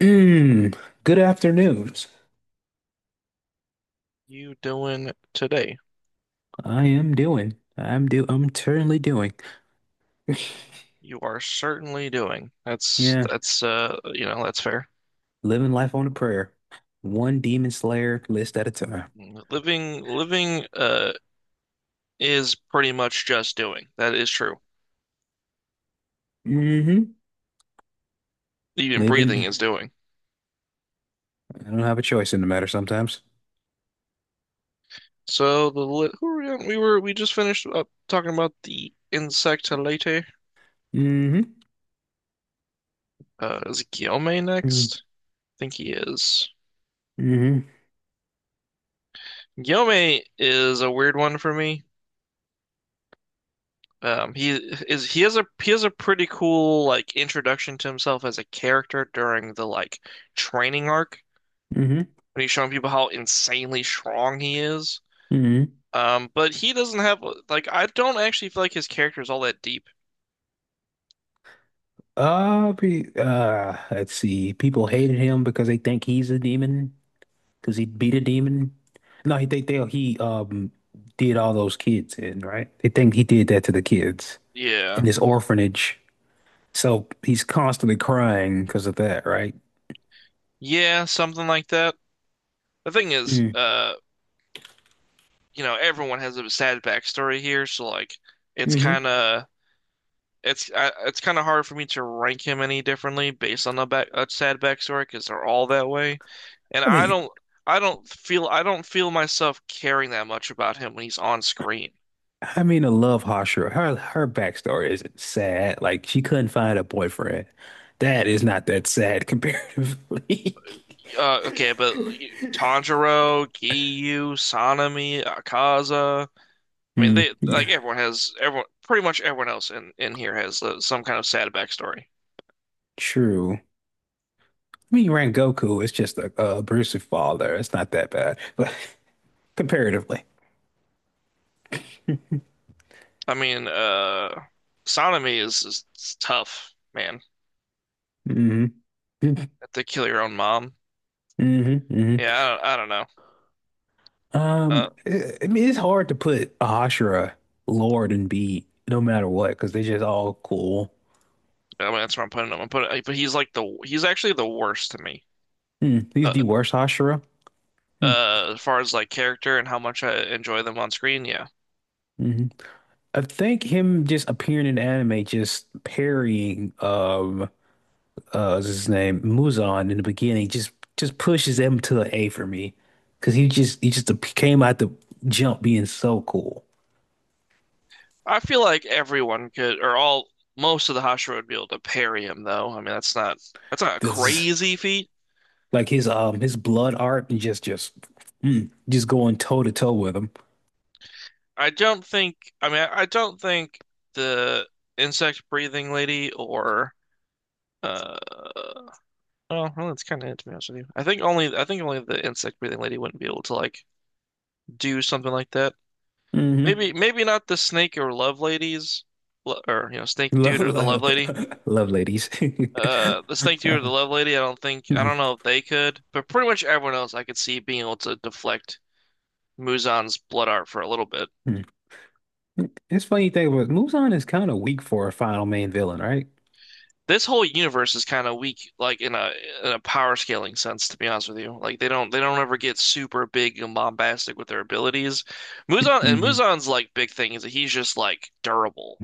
Mm, Good afternoons. You doing today? I am doing. I'm do. I'm currently doing. You are certainly doing. That's Yeah, that's that's fair. living life on a prayer, one demon slayer list at a time. Living is pretty much just doing. That is true. Mm-hmm. Even breathing Living. is doing. I don't have a choice in the matter sometimes. So the li who were we on? We just finished up talking about the insect later. Mm-hmm. Is Guillaume next? I think he is. Mm-hmm. Guillaume is a weird one for me. Um, he he has a pretty cool like introduction to himself as a character during the like training arc Mm-hmm. when he's showing people how insanely strong he is. Mm-hmm. But he doesn't have like I don't actually feel like his character is all that deep. Let's see. People hated him because they think he's a demon. Because he beat a demon. No, he they he did all those kids in, right? They think he did that to the kids in Yeah, this orphanage. So he's constantly crying because of that, right? yeah, something like that. The thing is, Mm. Everyone has a sad backstory here, so like it's hmm kind of it's kind of hard for me to rank him any differently based on a sad backstory because they're all that way, and I I mean, don't I don't feel I don't feel myself caring that much about him when he's on screen. I mean, I love Hashira. Her backstory isn't sad. Like she couldn't find a boyfriend. That is not that sad comparatively. Okay, but Tanjiro, Giyu, Sanemi, Akaza. I mean, they Yeah, like everyone pretty much everyone else in here has some kind of sad backstory. true. I mean, Goku is just a abusive father. It's not that bad, but comparatively. I mean, Sanemi is tough, man. hmm Have to kill your own mom. hmm hmm Yeah, I don't know. Um, Uh, I I mean, it's hard to put Ahashura, Lord, and B no matter what because they're just all cool. I mean, that's where I'm putting him. But he's like the he's actually the worst to me. Hmm. He's Uh, the worst Ahashura. Hmm. As far as like character and how much I enjoy them on screen, yeah. hmm I think him just appearing in anime, just parrying what's his name, Muzan in the beginning, just pushes him to an A for me because he just came out the jump being so cool. I feel like everyone could, or all most of the Hashira would be able to parry him, though. I mean, that's not a This crazy feat. Like his blood art and just just going toe to toe with him. I don't think. I mean, I don't think the insect breathing lady or uh, oh, well, that's kind of it to be honest with you. I think only the insect breathing lady wouldn't be able to like do something like that. hmm Maybe not the snake or love ladies, or snake Love, dude or the love love, lady. love ladies. The snake dude or Uh, the love lady. I mhm, don't know if they could, but pretty much everyone else I could see being able to deflect Muzan's blood art for a little bit. mhm. It's funny you think about it. Muzan is kind of weak for a final main villain, right? This whole universe is kind of weak, like in a power scaling sense, to be honest with you. Like they don't ever get super big and bombastic with their abilities. Hmm Muzan's like big thing is that he's just like durable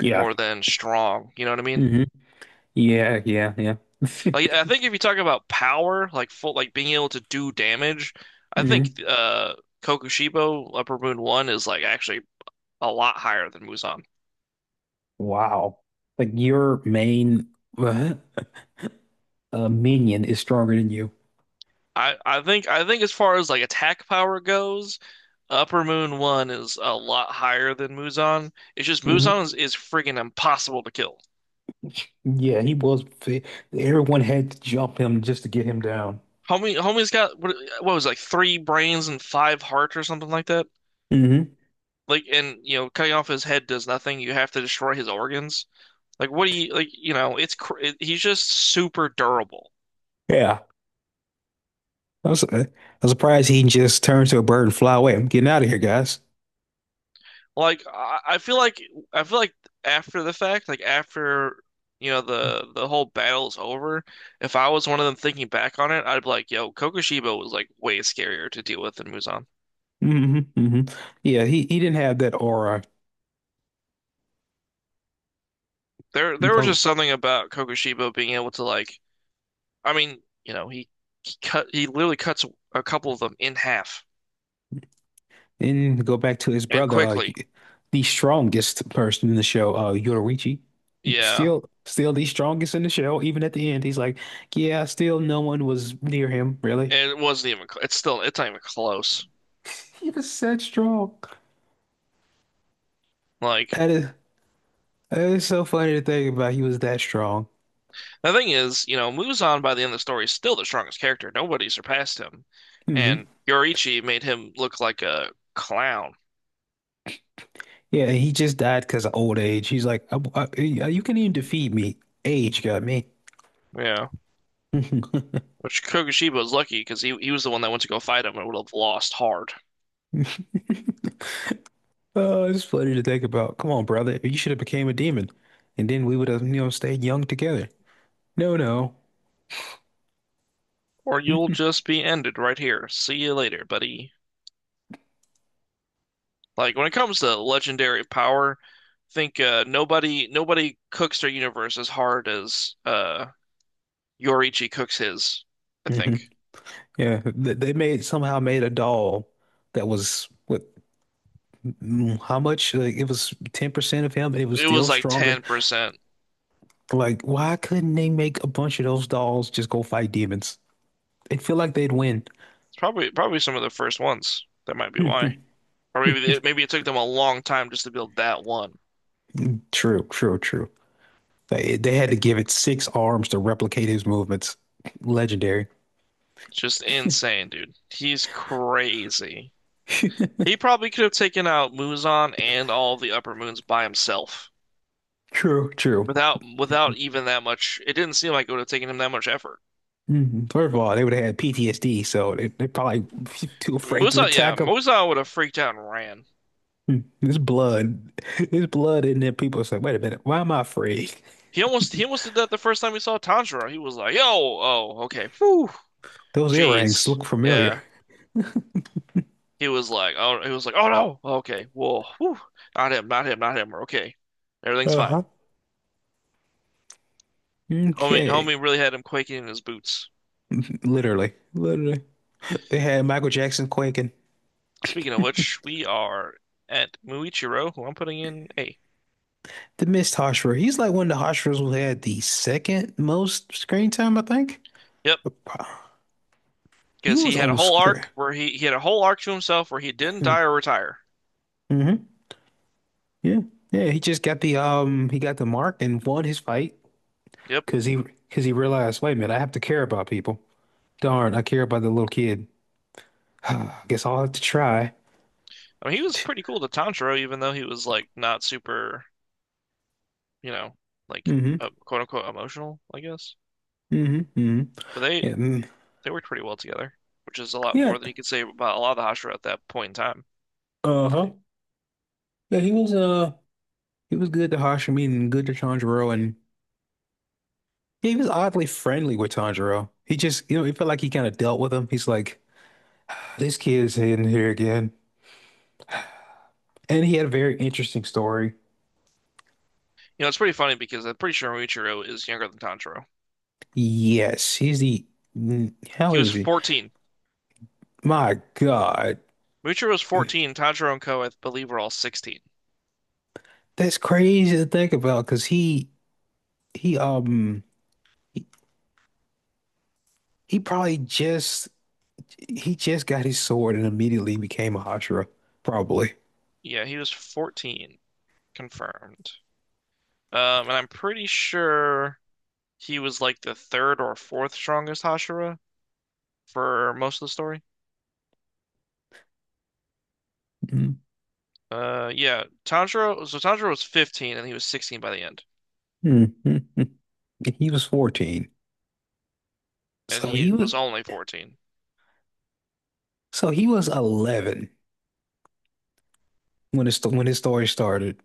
Yeah. more than strong. You know what I mean? hmm Yeah, yeah, yeah. Like I think if you talk about power, like full, like being able to do damage, I think hmm Kokushibo Upper Moon One is like actually a lot higher than Muzan. Wow. Like your main uh, minion is stronger than you. I think as far as like attack power goes, Upper Moon One is a lot higher than Muzan. It's just Muzan hmm is freaking impossible to kill. Yeah, he was. Everyone had to jump him just to get him down. Homie's got what was it, like three brains and five hearts or something like that. Like, and cutting off his head does nothing. You have to destroy his organs. Like, what do you like? You know, he's just super durable. Yeah. I was, uh, I'm surprised he just turned to a bird and fly away. I'm getting out of here, guys. Like, I feel like after the fact, like after the whole battle's over, if I was one of them thinking back on it, I'd be like, yo, Kokushibo was like way scarier to deal with than Muzan. hmm hmm Yeah, he didn't have that aura. There was just Oh, something about Kokushibo being able to like. I mean, he literally cuts a couple of them in half and go back to his and brother, quickly. The strongest person in the show, Yoruichi. Yeah, Still the strongest in the show. Even at the end, he's like, "Yeah, still no one was near him, really." and it wasn't even. It's still. It's not even close. He was that strong. Like, That is, that is so funny to think about. He was that strong. the thing is, Muzan by the end of the story is still the strongest character. Nobody surpassed him. Mm-hmm. And Yoichi made him look like a clown. Yeah, he just died because of old age. He's like, you can even defeat me. Age got me. Yeah. Which Kokushiba was lucky because he was the one that went to go fight him and would have lost hard. Oh, it's funny to think about. Come on, brother. You should have became a demon. And then we would have stayed young together. No, no. Or you'll hmm just be ended right here. See you later, buddy. Like when it comes to legendary power, I think nobody cooks their universe as hard as Yoichi cooks his, I think. Yeah, they made somehow made a doll that was what? How much? Like it was 10% of him, and it was It still was like stronger. 10%. Like, why couldn't they make a bunch of those dolls just go fight demons? They feel like they'd win. Probably some of the first ones. That might be why. Or maybe it took them a long time just to build that one. True, true, true. They had to give it six arms to replicate his movements. Legendary. It's just insane, dude. He's crazy. He probably could have taken out Muzan and all the upper moons by himself True, true. without even that much. It didn't seem like it would have taken him that much effort. Mhm. First of all, they would have had PTSD, so they're probably too I mean, afraid to Muzan, yeah, attack him. Muzan would have freaked out and ran. His blood, his blood, and then people say, "Wait a minute, why am I afraid? He almost did that the first time he saw Tanjiro. He was like, "Yo, oh, okay, whew, Those earrings jeez, look familiar." yeah." He was like, oh no, okay, well, whew. Not him, not him, not him. We're okay, everything's fine. Uh-huh. Homie, Okay, homie really had him quaking in his boots. literally, they had Michael Jackson quaking. Speaking of which, we are at Muichiro, who I'm putting in A. The missed Hashira. He's like one of the Hashiras who had the second most screen time, I think. Yep, He because was he had a on whole screen. arc where he had a whole arc to himself where he didn't die or retire. Mm-hmm. Yeah. Yeah, he just got the mark and won his fight Yep. because he realized, wait a minute, I have to care about people. Darn, I care about the little kid. I guess I'll have to try. I mean he was pretty cool to Tanjiro, even though he was like not super, you know, like Mm-hmm. Quote unquote emotional, I guess. Mm-hmm. Mm-hmm. But they Yeah. Mm. they worked pretty well together, which is a lot Yeah. more than you could say about a lot of the Hashira at that point in time. Uh-huh. Yeah, he was good to Hashime and good to Tanjiro and yeah, he was oddly friendly with Tanjiro. He just. It felt like he kind of dealt with him. He's like, this kid is in here again. And he had a very interesting story. You know, it's pretty funny because I'm pretty sure Muichiro is younger than Tanjiro. Yes, how He was is he? 14. My God, Muichiro was 14. Tanjiro and Co, I believe, were all 16. that's crazy to think about because he um he, he probably just got his sword and immediately became a Hashira, probably. Yeah, he was 14, confirmed. And I'm pretty sure he was like the third or fourth strongest Hashira for most of the story. Mm. Yeah, Tanjiro. So Tanjiro was 15 and he was 16 by the end, Mm, mm, mm. He was 14. and So he he was was only 14. so he was 11 when his story started.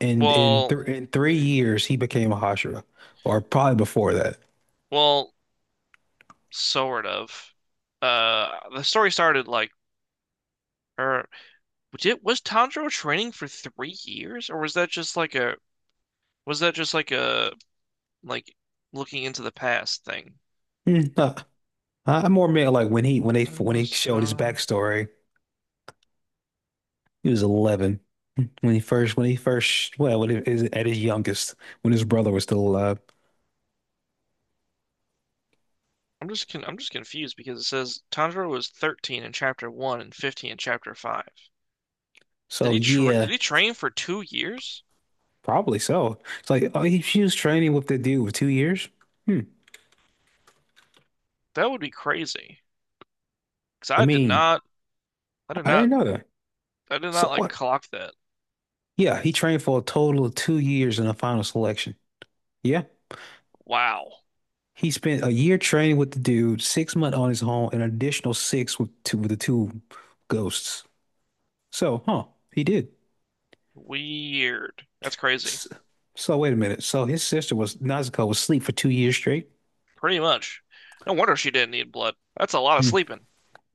And in Well, th in 3 years he became a Hashira, or probably before that. well, sort of. Uh, the story started like, or Which it was Tanjiro training for 3 years, or was that just like a was that just like a like looking into the past thing? Mm, uh, I more meant like when he when they When when they was showed his Ta backstory. He was 11 when he first, well, when it is at his youngest, when his brother was still alive. I'm just confused because it says Tanjiro was 13 in chapter 1 and 15 in chapter 5. Did So he tra yeah, did he train for 2 years? probably so. It's like oh, she was training with the dude for 2 years. Hmm. That would be crazy. Because I I did mean, not I did I didn't not know that. I did So not like what? clock that. Yeah, he trained for a total of 2 years in the final selection. Yeah, Wow. he spent a year training with the dude, 6 months on his own, and an additional six with the two ghosts. So, huh? He did. Weird. That's crazy. S- So, wait a minute. So his sister was Nezuko was asleep for 2 years straight. Pretty much. No wonder she didn't need blood. That's a lot of sleeping.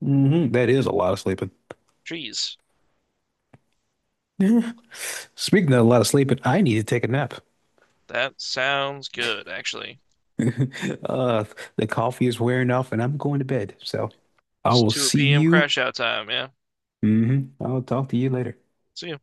Mhm. That is a lot of sleeping. Jeez. Speaking of a lot of sleeping, I need to take a nap. That sounds good, actually. Uh, the coffee is wearing off and I'm going to bed. So I It's will see 2 p.m. you. crash out time, yeah. I'll talk to you later. See ya.